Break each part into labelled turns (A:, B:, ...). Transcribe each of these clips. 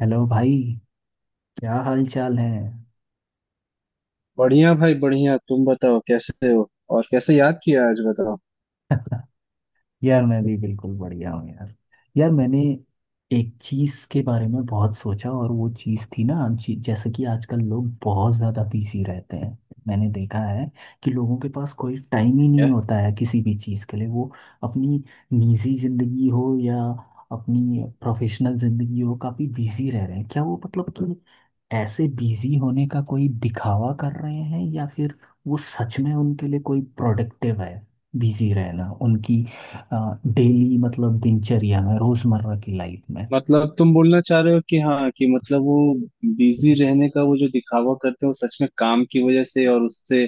A: Hello भाई। क्या हाल चाल है?
B: बढ़िया भाई बढ़िया। तुम बताओ कैसे हो? और कैसे याद किया आज, बताओ?
A: यार मैं भी बिल्कुल बढ़िया हूँ यार। यार मैंने एक चीज़ के बारे में बहुत सोचा, और वो चीज़ थी ना जैसे कि आजकल लोग बहुत ज़्यादा बिजी रहते हैं। मैंने देखा है कि लोगों के पास कोई टाइम ही नहीं
B: क्या
A: होता है किसी भी चीज़ के लिए। वो अपनी निजी ज़िंदगी हो या अपनी प्रोफेशनल ज़िंदगी हो, काफ़ी बिजी रह रहे हैं। क्या वो, मतलब कि ऐसे बिजी होने का कोई दिखावा कर रहे हैं, या फिर वो सच में उनके लिए कोई प्रोडक्टिव है बिजी रहना, उनकी डेली, मतलब दिनचर्या में, रोजमर्रा की लाइफ में?
B: मतलब, तुम बोलना चाह रहे हो कि हाँ, कि मतलब वो बिजी रहने का वो जो दिखावा करते हैं, वो सच में काम की वजह से, और उससे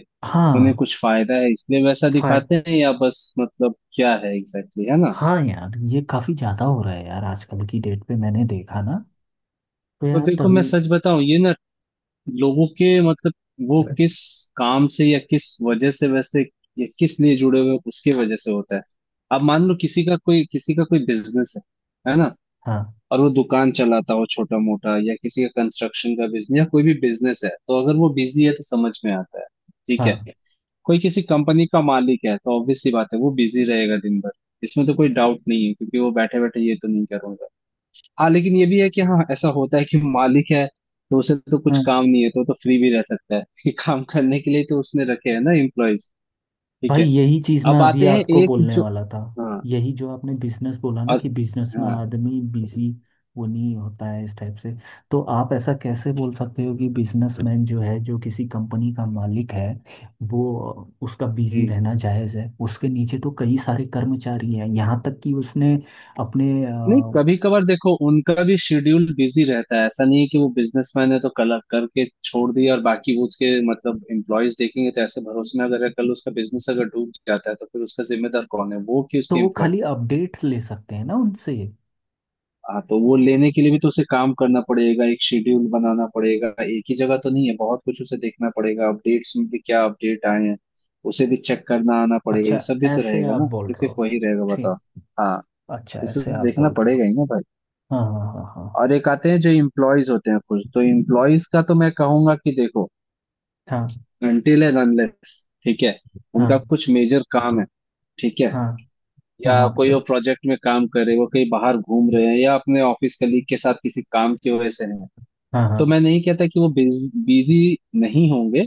B: उन्हें
A: हाँ।
B: कुछ फायदा है इसलिए वैसा
A: फाय
B: दिखाते हैं या बस मतलब क्या है एग्जैक्टली, exactly, है ना?
A: हाँ यार, ये काफी ज्यादा हो रहा है यार आजकल की डेट पे। मैंने देखा ना, तो
B: तो
A: यार
B: देखो मैं
A: तभी।
B: सच बताऊं, ये ना, लोगों के मतलब, वो किस काम से या किस वजह से वैसे या किस लिए जुड़े हुए हैं, उसके वजह से होता है। अब मान लो, किसी का कोई बिजनेस है ना,
A: हाँ,
B: और वो दुकान चलाता हो छोटा मोटा, या किसी का कंस्ट्रक्शन का बिजनेस, या कोई भी बिजनेस है, तो अगर वो बिजी है तो समझ में आता है। ठीक है।
A: हाँ,
B: कोई किसी कंपनी का मालिक है तो ऑब्वियस सी बात है, वो बिजी रहेगा दिन भर। इसमें तो कोई डाउट नहीं है, क्योंकि वो बैठे बैठे ये तो नहीं करूंगा। हाँ, लेकिन ये भी है कि हाँ, ऐसा होता है कि मालिक है तो उसे तो कुछ
A: हाँ।
B: काम नहीं है, तो वो तो फ्री भी रह सकता है कि काम करने के लिए तो उसने रखे हैं ना एम्प्लॉयज। ठीक
A: भाई
B: है।
A: यही चीज मैं
B: अब
A: अभी
B: आते हैं
A: आपको
B: एक
A: बोलने
B: जो,
A: वाला था।
B: हाँ,
A: यही जो आपने बिजनेस बोला ना कि
B: और,
A: बिजनेस में
B: हाँ,
A: आदमी बिजी वो नहीं होता है इस टाइप से। तो आप ऐसा कैसे बोल सकते हो कि बिजनेसमैन जो है, जो किसी कंपनी का मालिक है, वो उसका बिजी
B: हम्म।
A: रहना जायज है। उसके नीचे तो कई सारे कर्मचारी हैं, यहाँ तक कि उसने अपने
B: नहीं, कभी कभार देखो उनका भी शेड्यूल बिजी रहता है। ऐसा नहीं है कि वो बिजनेसमैन है तो कल करके छोड़ दिया और बाकी वो उसके मतलब एम्प्लॉयज देखेंगे। तो ऐसे भरोसे में अगर है, कल उसका बिजनेस अगर डूब जाता है तो फिर उसका जिम्मेदार कौन है? वो कि
A: तो
B: उसके
A: वो
B: एम्प्लॉय?
A: खाली अपडेट्स ले सकते हैं ना उनसे।
B: हाँ, तो वो लेने के लिए भी तो उसे काम करना पड़ेगा, एक शेड्यूल बनाना पड़ेगा। एक ही जगह तो नहीं है, बहुत कुछ उसे देखना पड़ेगा। अपडेट्स में भी क्या अपडेट आए हैं, उसे भी चेक करना आना पड़ेगा।
A: अच्छा,
B: ये सब भी तो
A: ऐसे
B: रहेगा
A: आप
B: ना,
A: बोल
B: कि
A: रहे
B: सिर्फ
A: हो।
B: वही रहेगा, बताओ?
A: ठीक।
B: हाँ,
A: अच्छा,
B: तो उसे
A: ऐसे आप
B: देखना
A: बोल रहे हो।
B: पड़ेगा ही ना भाई।
A: हाँ, हाँ, हाँ,
B: और एक आते हैं जो इम्प्लॉयज होते हैं कुछ, तो इम्प्लॉयज का तो मैं कहूंगा कि देखो,
A: हाँ, हाँ,
B: अनटिल एंड अनलेस, ठीक है, उनका
A: हाँ,
B: कुछ मेजर काम है, ठीक है,
A: हाँ, हाँ,
B: या कोई
A: हाँ,
B: वो प्रोजेक्ट में काम कर रहे हैं, वो कहीं बाहर घूम रहे हैं या अपने ऑफिस कलीग के साथ किसी काम की वजह से है,
A: हाँ,
B: तो
A: हाँ,
B: मैं नहीं कहता कि वो बिजी नहीं होंगे।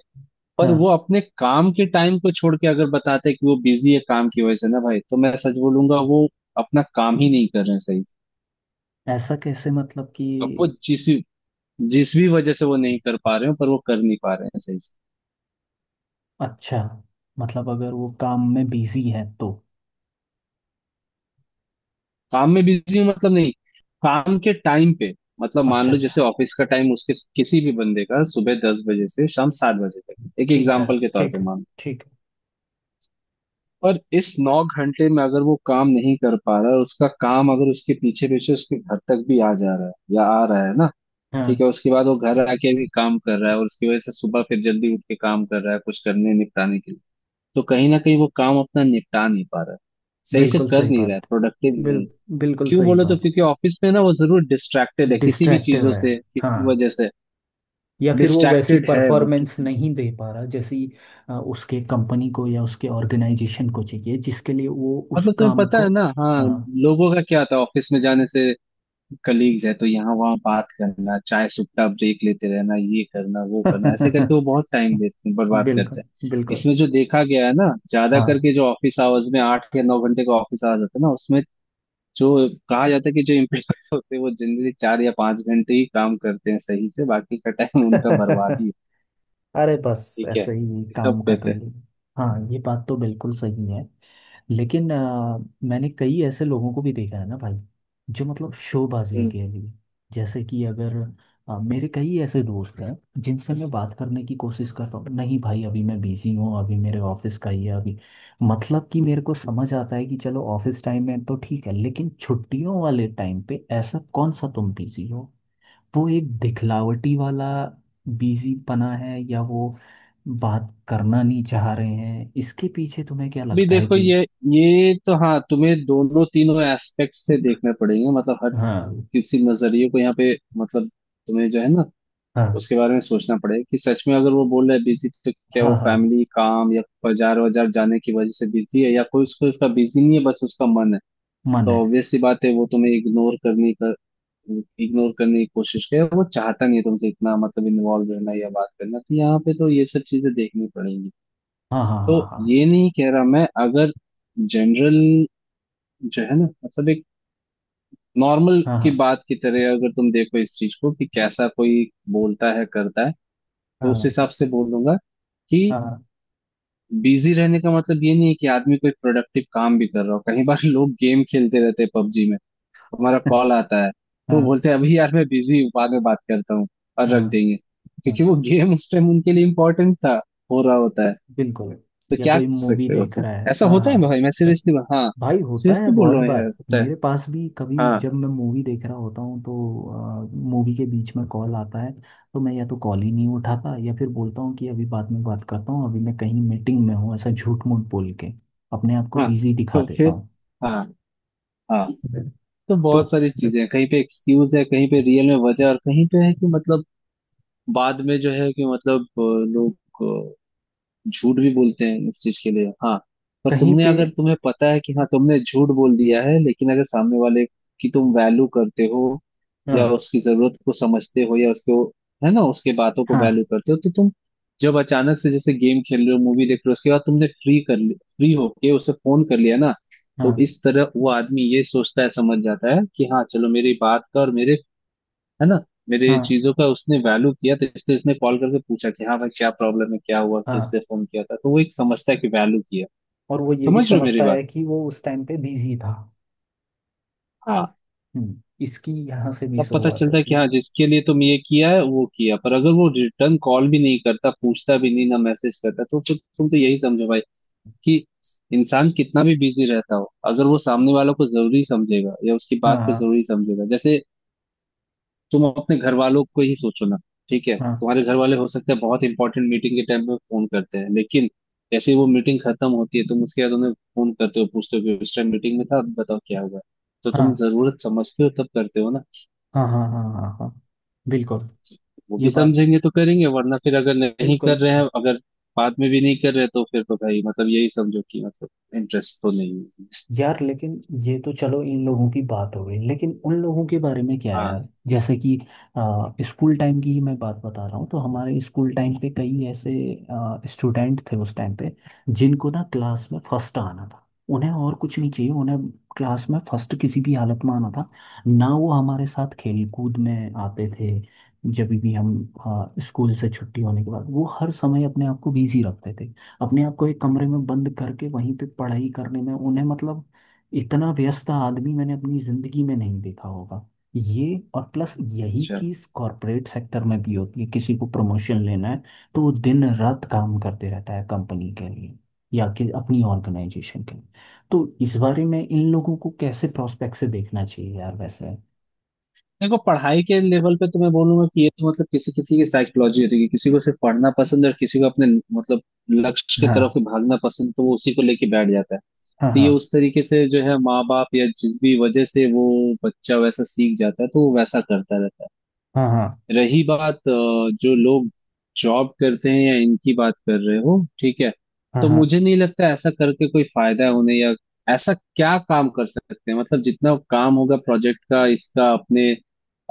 B: पर वो
A: हाँ।
B: अपने काम के टाइम को छोड़ के अगर बताते हैं कि वो बिजी है काम की वजह से, ना भाई, तो मैं सच बोलूंगा, वो अपना काम ही नहीं कर रहे हैं सही से।
A: ऐसा कैसे, मतलब कि?
B: अब वो जिस जिस भी वजह से वो नहीं कर पा रहे हो, पर वो कर नहीं पा रहे हैं सही से।
A: अच्छा, मतलब अगर वो काम में बिजी है तो?
B: काम में बिजी हूँ मतलब नहीं, काम के टाइम पे। मतलब
A: अच्छा,
B: मान लो
A: अच्छा।
B: जैसे ऑफिस का टाइम उसके किसी भी बंदे का सुबह 10 बजे से शाम 7 बजे तक, एक
A: ठीक है,
B: एग्जाम्पल के तौर
A: ठीक
B: पे
A: है,
B: मान लो,
A: ठीक है।
B: और इस 9 घंटे में अगर वो काम नहीं कर पा रहा है, और उसका काम अगर उसके पीछे पीछे उसके घर तक भी आ जा रहा है या आ रहा है ना, ठीक
A: हाँ,
B: है, उसके बाद वो घर आके भी काम कर रहा है और उसकी वजह से सुबह फिर जल्दी उठ के काम कर रहा है कुछ करने निपटाने के लिए, तो कहीं ना कहीं वो काम अपना निपटा नहीं पा रहा है, सही से
A: बिल्कुल
B: कर
A: सही
B: नहीं रहा है,
A: बात।
B: प्रोडक्टिव
A: बिल
B: नहीं।
A: बिल्कुल
B: क्यों
A: सही
B: बोलो तो?
A: बात।
B: क्योंकि ऑफिस में ना वो जरूर डिस्ट्रैक्टेड है किसी भी
A: डिस्ट्रैक्टिव
B: चीजों
A: है।
B: से,
A: हाँ,
B: किसी वजह से
A: या फिर वो वैसी
B: डिस्ट्रैक्टेड है। वो
A: परफॉर्मेंस
B: किसी
A: नहीं दे पा रहा जैसी उसके कंपनी को या उसके ऑर्गेनाइजेशन को चाहिए, जिसके लिए वो उस
B: मतलब, तुम्हें
A: काम
B: पता
A: को।
B: है ना, हाँ,
A: हाँ।
B: लोगों का क्या होता है ऑफिस में जाने से, कलीग्स है तो यहाँ वहाँ बात करना, चाय सुट्टा ब्रेक लेते रहना, ये करना वो करना, ऐसे करके वो बहुत टाइम देते हैं, बर्बाद करते
A: बिल्कुल,
B: हैं
A: बिल्कुल।
B: इसमें, जो देखा गया है ना, ज्यादा करके जो ऑफिस आवर्स में 8 या 9 घंटे का ऑफिस आवर्स होता है ना, उसमें जो कहा जाता है कि जो एम्प्लॉयज होते हैं वो जनरली 4 या 5 घंटे ही काम करते हैं सही से, बाकी का टाइम उनका
A: हाँ।
B: बर्बादी।
A: अरे बस
B: ठीक है,
A: ऐसे ही
B: सब
A: काम का तो
B: कहते हैं।
A: ये। हाँ, ये बात तो बिल्कुल सही है। लेकिन मैंने कई ऐसे लोगों को भी देखा है ना भाई, जो मतलब शोबाजी
B: हम्म।
A: के लिए। जैसे कि अगर मेरे कई ऐसे दोस्त हैं, जिनसे मैं बात करने की कोशिश करता हूँ, नहीं भाई अभी मैं बिजी हूँ, अभी मेरे ऑफिस का ही है अभी। मतलब कि मेरे को समझ आता है कि चलो ऑफिस टाइम में तो ठीक है, लेकिन छुट्टियों वाले टाइम पे ऐसा कौन सा तुम बिजी हो? वो एक दिखलावटी वाला बिजी पना है, या वो बात करना नहीं चाह रहे हैं? इसके पीछे तुम्हें क्या
B: अभी
A: लगता है
B: देखो,
A: कि?
B: ये तो हाँ तुम्हें दोनों तीनों एस्पेक्ट से देखने पड़ेंगे, मतलब हर
A: हाँ,
B: किसी नजरिए को यहाँ पे। मतलब तुम्हें जो है ना,
A: हाँ,
B: उसके बारे में सोचना पड़ेगा कि सच में अगर वो बोल रहा है बिजी, तो क्या वो
A: हाँ, हाँ।
B: फैमिली काम या बाजार वाजार जाने की वजह से बिजी है, या कोई उसको उसका बिजी नहीं है, बस उसका मन है
A: मन
B: तो
A: है।
B: ऑब्वियस सी बात है वो तुम्हें इग्नोर करने का, इग्नोर करने की कोशिश करे। वो चाहता नहीं है तुमसे इतना मतलब इन्वॉल्व रहना या बात करना, तो यहाँ पे तो ये सब चीजें देखनी पड़ेंगी।
A: हाँ, हाँ,
B: तो
A: हाँ,
B: ये नहीं कह रहा मैं, अगर जनरल जो है ना, मतलब एक नॉर्मल की
A: हाँ,
B: बात की तरह अगर तुम देखो इस चीज को, कि कैसा कोई बोलता है करता है, तो उस
A: हाँ,
B: हिसाब से बोलूंगा कि
A: हाँ, हाँ, हाँ।
B: बिजी रहने का मतलब ये नहीं है कि आदमी कोई प्रोडक्टिव काम भी कर रहा हो। कई बार लोग गेम खेलते रहते हैं पबजी में, हमारा कॉल आता है तो
A: हाँ,
B: बोलते हैं अभी यार मैं बिजी हूँ बाद में बात करता हूँ, और रख
A: हाँ,
B: देंगे,
A: हाँ।
B: क्योंकि वो गेम उस टाइम उनके लिए इम्पोर्टेंट था, हो रहा होता है।
A: बिल्कुल।
B: तो
A: या
B: क्या
A: कोई
B: कर
A: मूवी
B: सकते हो
A: देख
B: उसमें?
A: रहा है,
B: ऐसा
A: हाँ,
B: होता है
A: हाँ।
B: भाई, मैं सीरियसली हाँ,
A: भाई होता है
B: सीरियसली बोल
A: बहुत
B: रहा हूँ यार,
A: बार।
B: होता है।
A: मेरे पास भी कभी
B: हाँ
A: जब मैं मूवी देख रहा होता हूँ, तो मूवी के बीच में कॉल आता है, तो मैं या तो कॉल ही नहीं उठाता, या फिर बोलता हूँ कि अभी बाद में बात करता हूँ, अभी मैं कहीं मीटिंग में हूँ, ऐसा झूठ मूठ बोल के अपने आप को
B: हाँ,
A: बिजी दिखा
B: तो
A: देता
B: फिर
A: हूँ।
B: हाँ हाँ, तो
A: तो
B: बहुत सारी चीजें हैं, कहीं पे एक्सक्यूज है, कहीं पे रियल में वजह, और कहीं पे है कि मतलब बाद में जो है कि मतलब लोग अ, झूठ भी बोलते हैं इस चीज के लिए। हाँ, पर
A: कहीं
B: तुमने,
A: पे।
B: अगर तुम्हें पता है कि हाँ तुमने झूठ बोल दिया है, लेकिन अगर सामने वाले की तुम वैल्यू करते हो या
A: हाँ,
B: उसकी जरूरत को समझते हो, या उसको है ना, उसके बातों को
A: हाँ,
B: वैल्यू करते हो, तो तुम जब अचानक से जैसे गेम खेल रहे हो मूवी देख रहे हो, उसके बाद तुमने फ्री कर लिया, फ्री होके उसे फोन कर लिया ना, तो
A: हाँ,
B: इस तरह वो आदमी ये सोचता है, समझ जाता है कि हाँ चलो मेरी बात का और मेरे, है ना, मेरे
A: हाँ,
B: चीजों का उसने वैल्यू किया, तो इसलिए उसने कॉल करके पूछा कि हाँ भाई क्या प्रॉब्लम है, क्या हुआ कि
A: हाँ।
B: इसलिए फोन किया था, तो वो एक समझता है कि वैल्यू किया।
A: और वो ये भी
B: समझ रहे हो मेरी
A: समझता
B: बात?
A: है कि वो उस टाइम पे बिजी था।
B: हाँ,
A: इसकी यहाँ से भी
B: तब पता
A: शुरुआत
B: चलता है
A: होती
B: कि
A: है।
B: हाँ जिसके लिए तुम ये किया है वो किया, पर अगर वो रिटर्न कॉल भी नहीं करता, पूछता भी नहीं ना मैसेज करता, तो फिर तुम तो यही समझो भाई, कि इंसान कितना भी बिजी रहता हो, अगर वो सामने वालों को जरूरी समझेगा या उसकी
A: हाँ,
B: बात को
A: हाँ,
B: जरूरी समझेगा। जैसे तुम अपने घर वालों को ही सोचो ना, ठीक है,
A: हाँ,
B: तुम्हारे घर वाले हो सकते हैं बहुत इंपॉर्टेंट मीटिंग के टाइम पे फोन करते हैं, लेकिन जैसे ही वो मीटिंग खत्म होती है, तुम उसके बाद उन्हें फोन करते हो, पूछते हो कि उस टाइम मीटिंग में था, अब बताओ क्या हुआ। तो
A: हाँ,
B: तुम जरूरत समझते हो तब करते हो ना,
A: हाँ, हाँ, हाँ, हाँ, हाँ। बिल्कुल।
B: वो
A: ये
B: भी
A: बात,
B: समझेंगे तो करेंगे, वरना फिर अगर नहीं कर
A: बिल्कुल।
B: रहे हैं, अगर बाद में भी नहीं कर रहे तो फिर तो भाई मतलब यही समझो कि मतलब इंटरेस्ट तो नहीं है।
A: यार लेकिन ये तो चलो, इन लोगों की बात हो गई, लेकिन उन लोगों के बारे में क्या
B: हाँ,
A: यार? जैसे कि स्कूल टाइम की ही मैं बात बता रहा हूँ। तो हमारे स्कूल टाइम पे कई ऐसे स्टूडेंट थे उस टाइम पे, जिनको ना क्लास में फर्स्ट आना था। उन्हें और कुछ नहीं चाहिए, उन्हें क्लास में फर्स्ट किसी भी हालत में आना था। ना वो हमारे साथ खेल कूद में आते थे, जब भी हम स्कूल से छुट्टी होने के बाद, वो हर समय अपने आप को बिजी रखते थे, अपने आप को एक कमरे में बंद करके वहीं पे पढ़ाई करने में। उन्हें, मतलब इतना व्यस्त आदमी मैंने अपनी जिंदगी में नहीं देखा होगा, ये। और प्लस यही
B: अच्छा।
A: चीज कॉरपोरेट सेक्टर में भी होती है, किसी को प्रमोशन लेना है तो वो दिन रात काम करते रहता है कंपनी के लिए, या कि अपनी ऑर्गेनाइजेशन के लिए। तो इस बारे में इन लोगों को कैसे प्रोस्पेक्ट से देखना चाहिए यार वैसे?
B: देखो पढ़ाई के लेवल पे तो मैं बोलूंगा कि ये तो मतलब किसी किसी की साइकोलॉजी होती है कि किसी को सिर्फ पढ़ना पसंद है, और किसी को अपने मतलब लक्ष्य की तरफ
A: हाँ,
B: भागना पसंद, तो वो उसी को लेके बैठ जाता है।
A: हाँ,
B: तो ये
A: हाँ,
B: उस तरीके से जो है, माँ बाप या जिस भी वजह से वो बच्चा वैसा सीख जाता है, तो वो वैसा करता रहता है।
A: हाँ, हाँ,
B: रही बात जो लोग जॉब करते हैं या इनकी बात कर रहे हो, ठीक है,
A: हाँ,
B: तो
A: हाँ।
B: मुझे नहीं लगता ऐसा करके कोई फायदा है उन्हें, या ऐसा क्या काम कर सकते हैं मतलब। जितना काम होगा प्रोजेक्ट का, इसका, अपने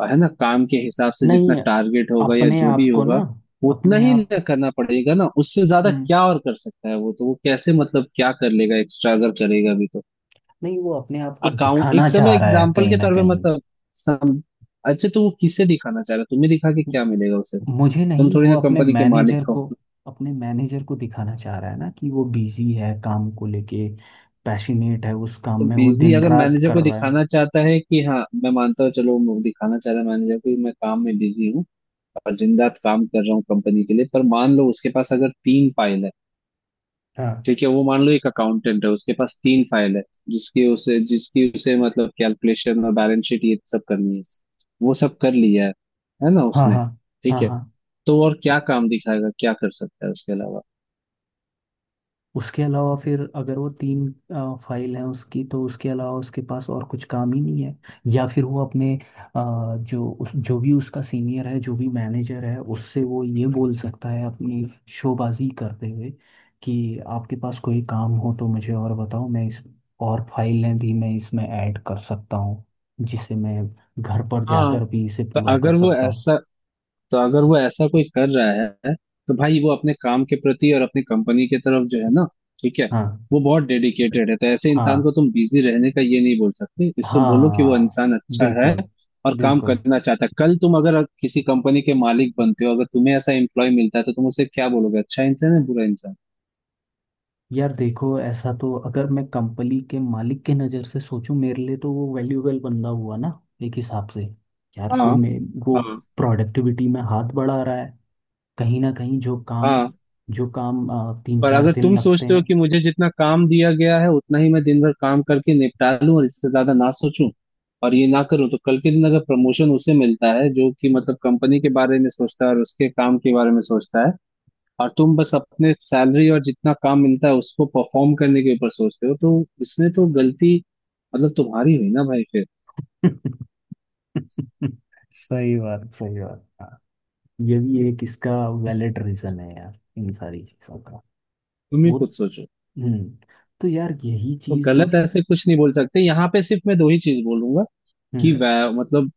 B: है ना, काम के हिसाब से जितना
A: नहीं,
B: टारगेट होगा या
A: अपने
B: जो
A: आप
B: भी
A: को ना,
B: होगा, उतना
A: अपने
B: ही
A: आप।
B: ना करना पड़ेगा, ना उससे ज्यादा
A: हम्म।
B: क्या और कर सकता है वो, तो वो कैसे, मतलब क्या कर लेगा एक्स्ट्रा, अगर करेगा भी तो।
A: नहीं, वो अपने आप को
B: अकाउंट एक
A: दिखाना
B: समय
A: चाह रहा है
B: एग्जाम्पल
A: कहीं
B: के
A: ना
B: तौर पे
A: कहीं।
B: मतलब, सम, अच्छा तो वो किसे दिखाना चाह रहा है? तुम्हें दिखा के
A: म-
B: क्या मिलेगा उसे,
A: मुझे
B: तुम
A: नहीं,
B: थोड़ी
A: वो
B: ना
A: अपने
B: कंपनी के मालिक
A: मैनेजर
B: हो।
A: को, अपने मैनेजर को दिखाना चाह रहा है ना कि वो बिजी है काम को लेके, पैशनेट है उस काम
B: तो
A: में, वो
B: बिजली
A: दिन
B: अगर
A: रात
B: मैनेजर
A: कर
B: को
A: रहा है।
B: दिखाना चाहता है कि हाँ मैं मानता हूँ चलो, वो दिखाना चाह रहा है मैनेजर को कि मैं काम में बिजी हूँ और दिन रात काम कर रहा हूँ कंपनी के लिए, पर मान लो उसके पास अगर 3 फाइल है,
A: हाँ,
B: ठीक है, वो मान लो एक अकाउंटेंट है, उसके पास 3 फाइल है, जिसकी उसे मतलब कैलकुलेशन और बैलेंस शीट ये सब करनी है, वो सब कर लिया है ना,
A: हाँ,
B: उसने,
A: हाँ,
B: ठीक
A: हाँ,
B: है,
A: हाँ।
B: तो और क्या काम दिखाएगा, क्या कर सकता है उसके अलावा?
A: उसके अलावा फिर अगर वो तीन फाइल है उसकी, तो उसके अलावा उसके पास और कुछ काम ही नहीं है। या फिर वो अपने जो भी उसका सीनियर है, जो भी मैनेजर है, उससे वो ये बोल सकता है अपनी शोबाजी करते हुए, कि आपके पास कोई काम हो तो मुझे और बताओ। मैं इस और फाइलें भी मैं इसमें ऐड कर सकता हूँ, जिसे मैं घर पर
B: हाँ,
A: जाकर भी इसे
B: तो
A: पूरा कर
B: अगर वो
A: सकता हूँ।
B: ऐसा तो अगर वो ऐसा कोई कर रहा है, तो भाई वो अपने काम के प्रति और अपनी कंपनी के तरफ जो है ना, ठीक है,
A: हाँ,
B: वो बहुत डेडिकेटेड है, तो ऐसे इंसान को
A: हाँ,
B: तुम बिजी रहने का ये नहीं बोल सकते, इसको बोलो कि वो
A: हाँ।
B: इंसान अच्छा है
A: बिल्कुल,
B: और काम
A: बिल्कुल।
B: करना चाहता है। कल तुम अगर किसी कंपनी के मालिक बनते हो, अगर तुम्हें ऐसा एम्प्लॉय मिलता है, तो तुम उसे क्या बोलोगे? अच्छा इंसान है बुरा इंसान?
A: यार देखो ऐसा तो, अगर मैं कंपनी के मालिक के नज़र से सोचूं, मेरे लिए तो वो वैल्यूएबल बंदा हुआ ना, एक हिसाब से। यार
B: हाँ
A: वो
B: हाँ
A: प्रोडक्टिविटी में हाथ बढ़ा रहा है, कहीं ना कहीं जो काम,
B: हाँ।
A: जो काम तीन
B: पर
A: चार
B: अगर
A: दिन
B: तुम
A: लगते
B: सोचते हो
A: हैं।
B: कि मुझे जितना काम दिया गया है उतना ही मैं दिन भर काम करके निपटा लूं, और इससे ज्यादा ना सोचूं और ये ना करूं, तो कल के दिन अगर प्रमोशन उसे मिलता है जो कि मतलब कंपनी के बारे में सोचता है और उसके काम के बारे में सोचता है, और तुम बस अपने सैलरी और जितना काम मिलता है उसको परफॉर्म करने के ऊपर सोचते हो, तो इसमें तो गलती मतलब तुम्हारी हुई ना भाई फिर।
A: सही बात, सही बात। हाँ, ये भी एक इसका वैलिड रीज़न है यार, इन सारी चीज़ों का।
B: तुम ही
A: वो,
B: खुद सोचो।
A: हम्म। तो यार यही
B: तो
A: चीज़,
B: गलत
A: मतलब।
B: ऐसे कुछ नहीं बोल सकते यहाँ पे, सिर्फ मैं दो ही चीज बोलूंगा कि
A: हम्म,
B: मतलब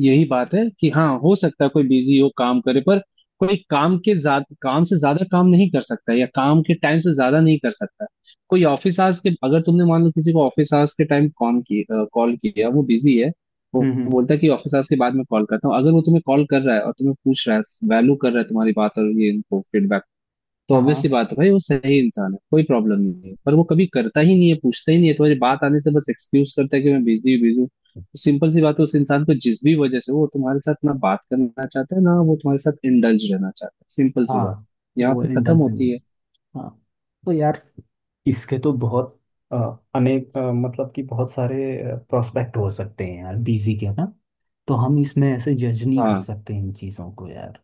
B: यही बात है कि हाँ, हो सकता है कोई बिजी हो काम करे, पर कोई काम के ज्यादा, काम से ज्यादा काम नहीं कर सकता, या काम के टाइम से ज्यादा नहीं कर सकता। कोई ऑफिस आवर्स के, अगर तुमने मान लो किसी को ऑफिस आवर्स के टाइम कॉल किया, वो बिजी है, वो
A: हम्म,
B: वो बोलता है कि ऑफिस आवर्स के बाद मैं कॉल करता हूँ, अगर वो तुम्हें कॉल कर रहा है और तुम्हें पूछ रहा है, वैल्यू कर रहा है तुम्हारी बात और ये इनको फीडबैक, तो
A: हाँ,
B: ऑब्वियस सी
A: हाँ,
B: बात है भाई वो सही इंसान है, कोई प्रॉब्लम नहीं है। पर वो कभी करता ही नहीं है, पूछता ही नहीं है तुम्हारी बात आने से, बस एक्सक्यूज करता है कि मैं बिजी बिजी हूँ, तो सिंपल सी बात है उस इंसान को जिस भी वजह से, वो तुम्हारे साथ ना बात करना चाहता है, ना वो तुम्हारे साथ इंडल्ज रहना चाहता है, सिंपल सी बात
A: हाँ।
B: यहाँ
A: वो
B: पे खत्म
A: इंटेलिजेंट।
B: होती है।
A: हाँ, तो यार इसके तो बहुत अ, अनेक मतलब कि बहुत सारे प्रोस्पेक्ट हो सकते हैं यार बीजी के ना। तो हम इसमें ऐसे जज नहीं कर
B: हाँ,
A: सकते इन चीज़ों को यार।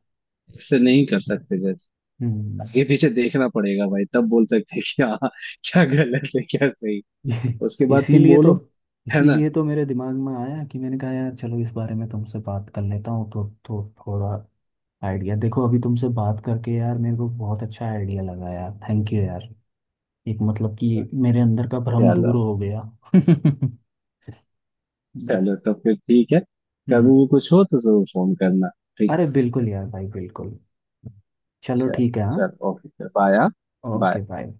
B: इससे नहीं कर सकते जज,
A: हम्म
B: आगे पीछे देखना पड़ेगा भाई, तब बोल सकते हैं कि हाँ क्या गलत है क्या सही, उसके बाद तुम
A: इसीलिए तो
B: बोलो, है ना?
A: इसीलिए तो मेरे दिमाग में आया कि मैंने कहा यार चलो इस बारे में तुमसे बात कर लेता हूँ, तो थोड़ा आइडिया। देखो अभी तुमसे बात करके यार, मेरे को बहुत अच्छा आइडिया लगा यार। थैंक यू यार। एक मतलब कि मेरे अंदर का भ्रम
B: चलो।
A: दूर हो गया। हम्म,
B: चलो तो फिर ठीक है। कभी
A: हम्म।
B: भी कुछ हो तो जरूर फोन करना, ठीक है?
A: अरे बिल्कुल यार भाई, बिल्कुल। चलो
B: चल,
A: ठीक है, हाँ।
B: चल, ओके, फिर बाय, हाँ?
A: Okay
B: bye.
A: बाय।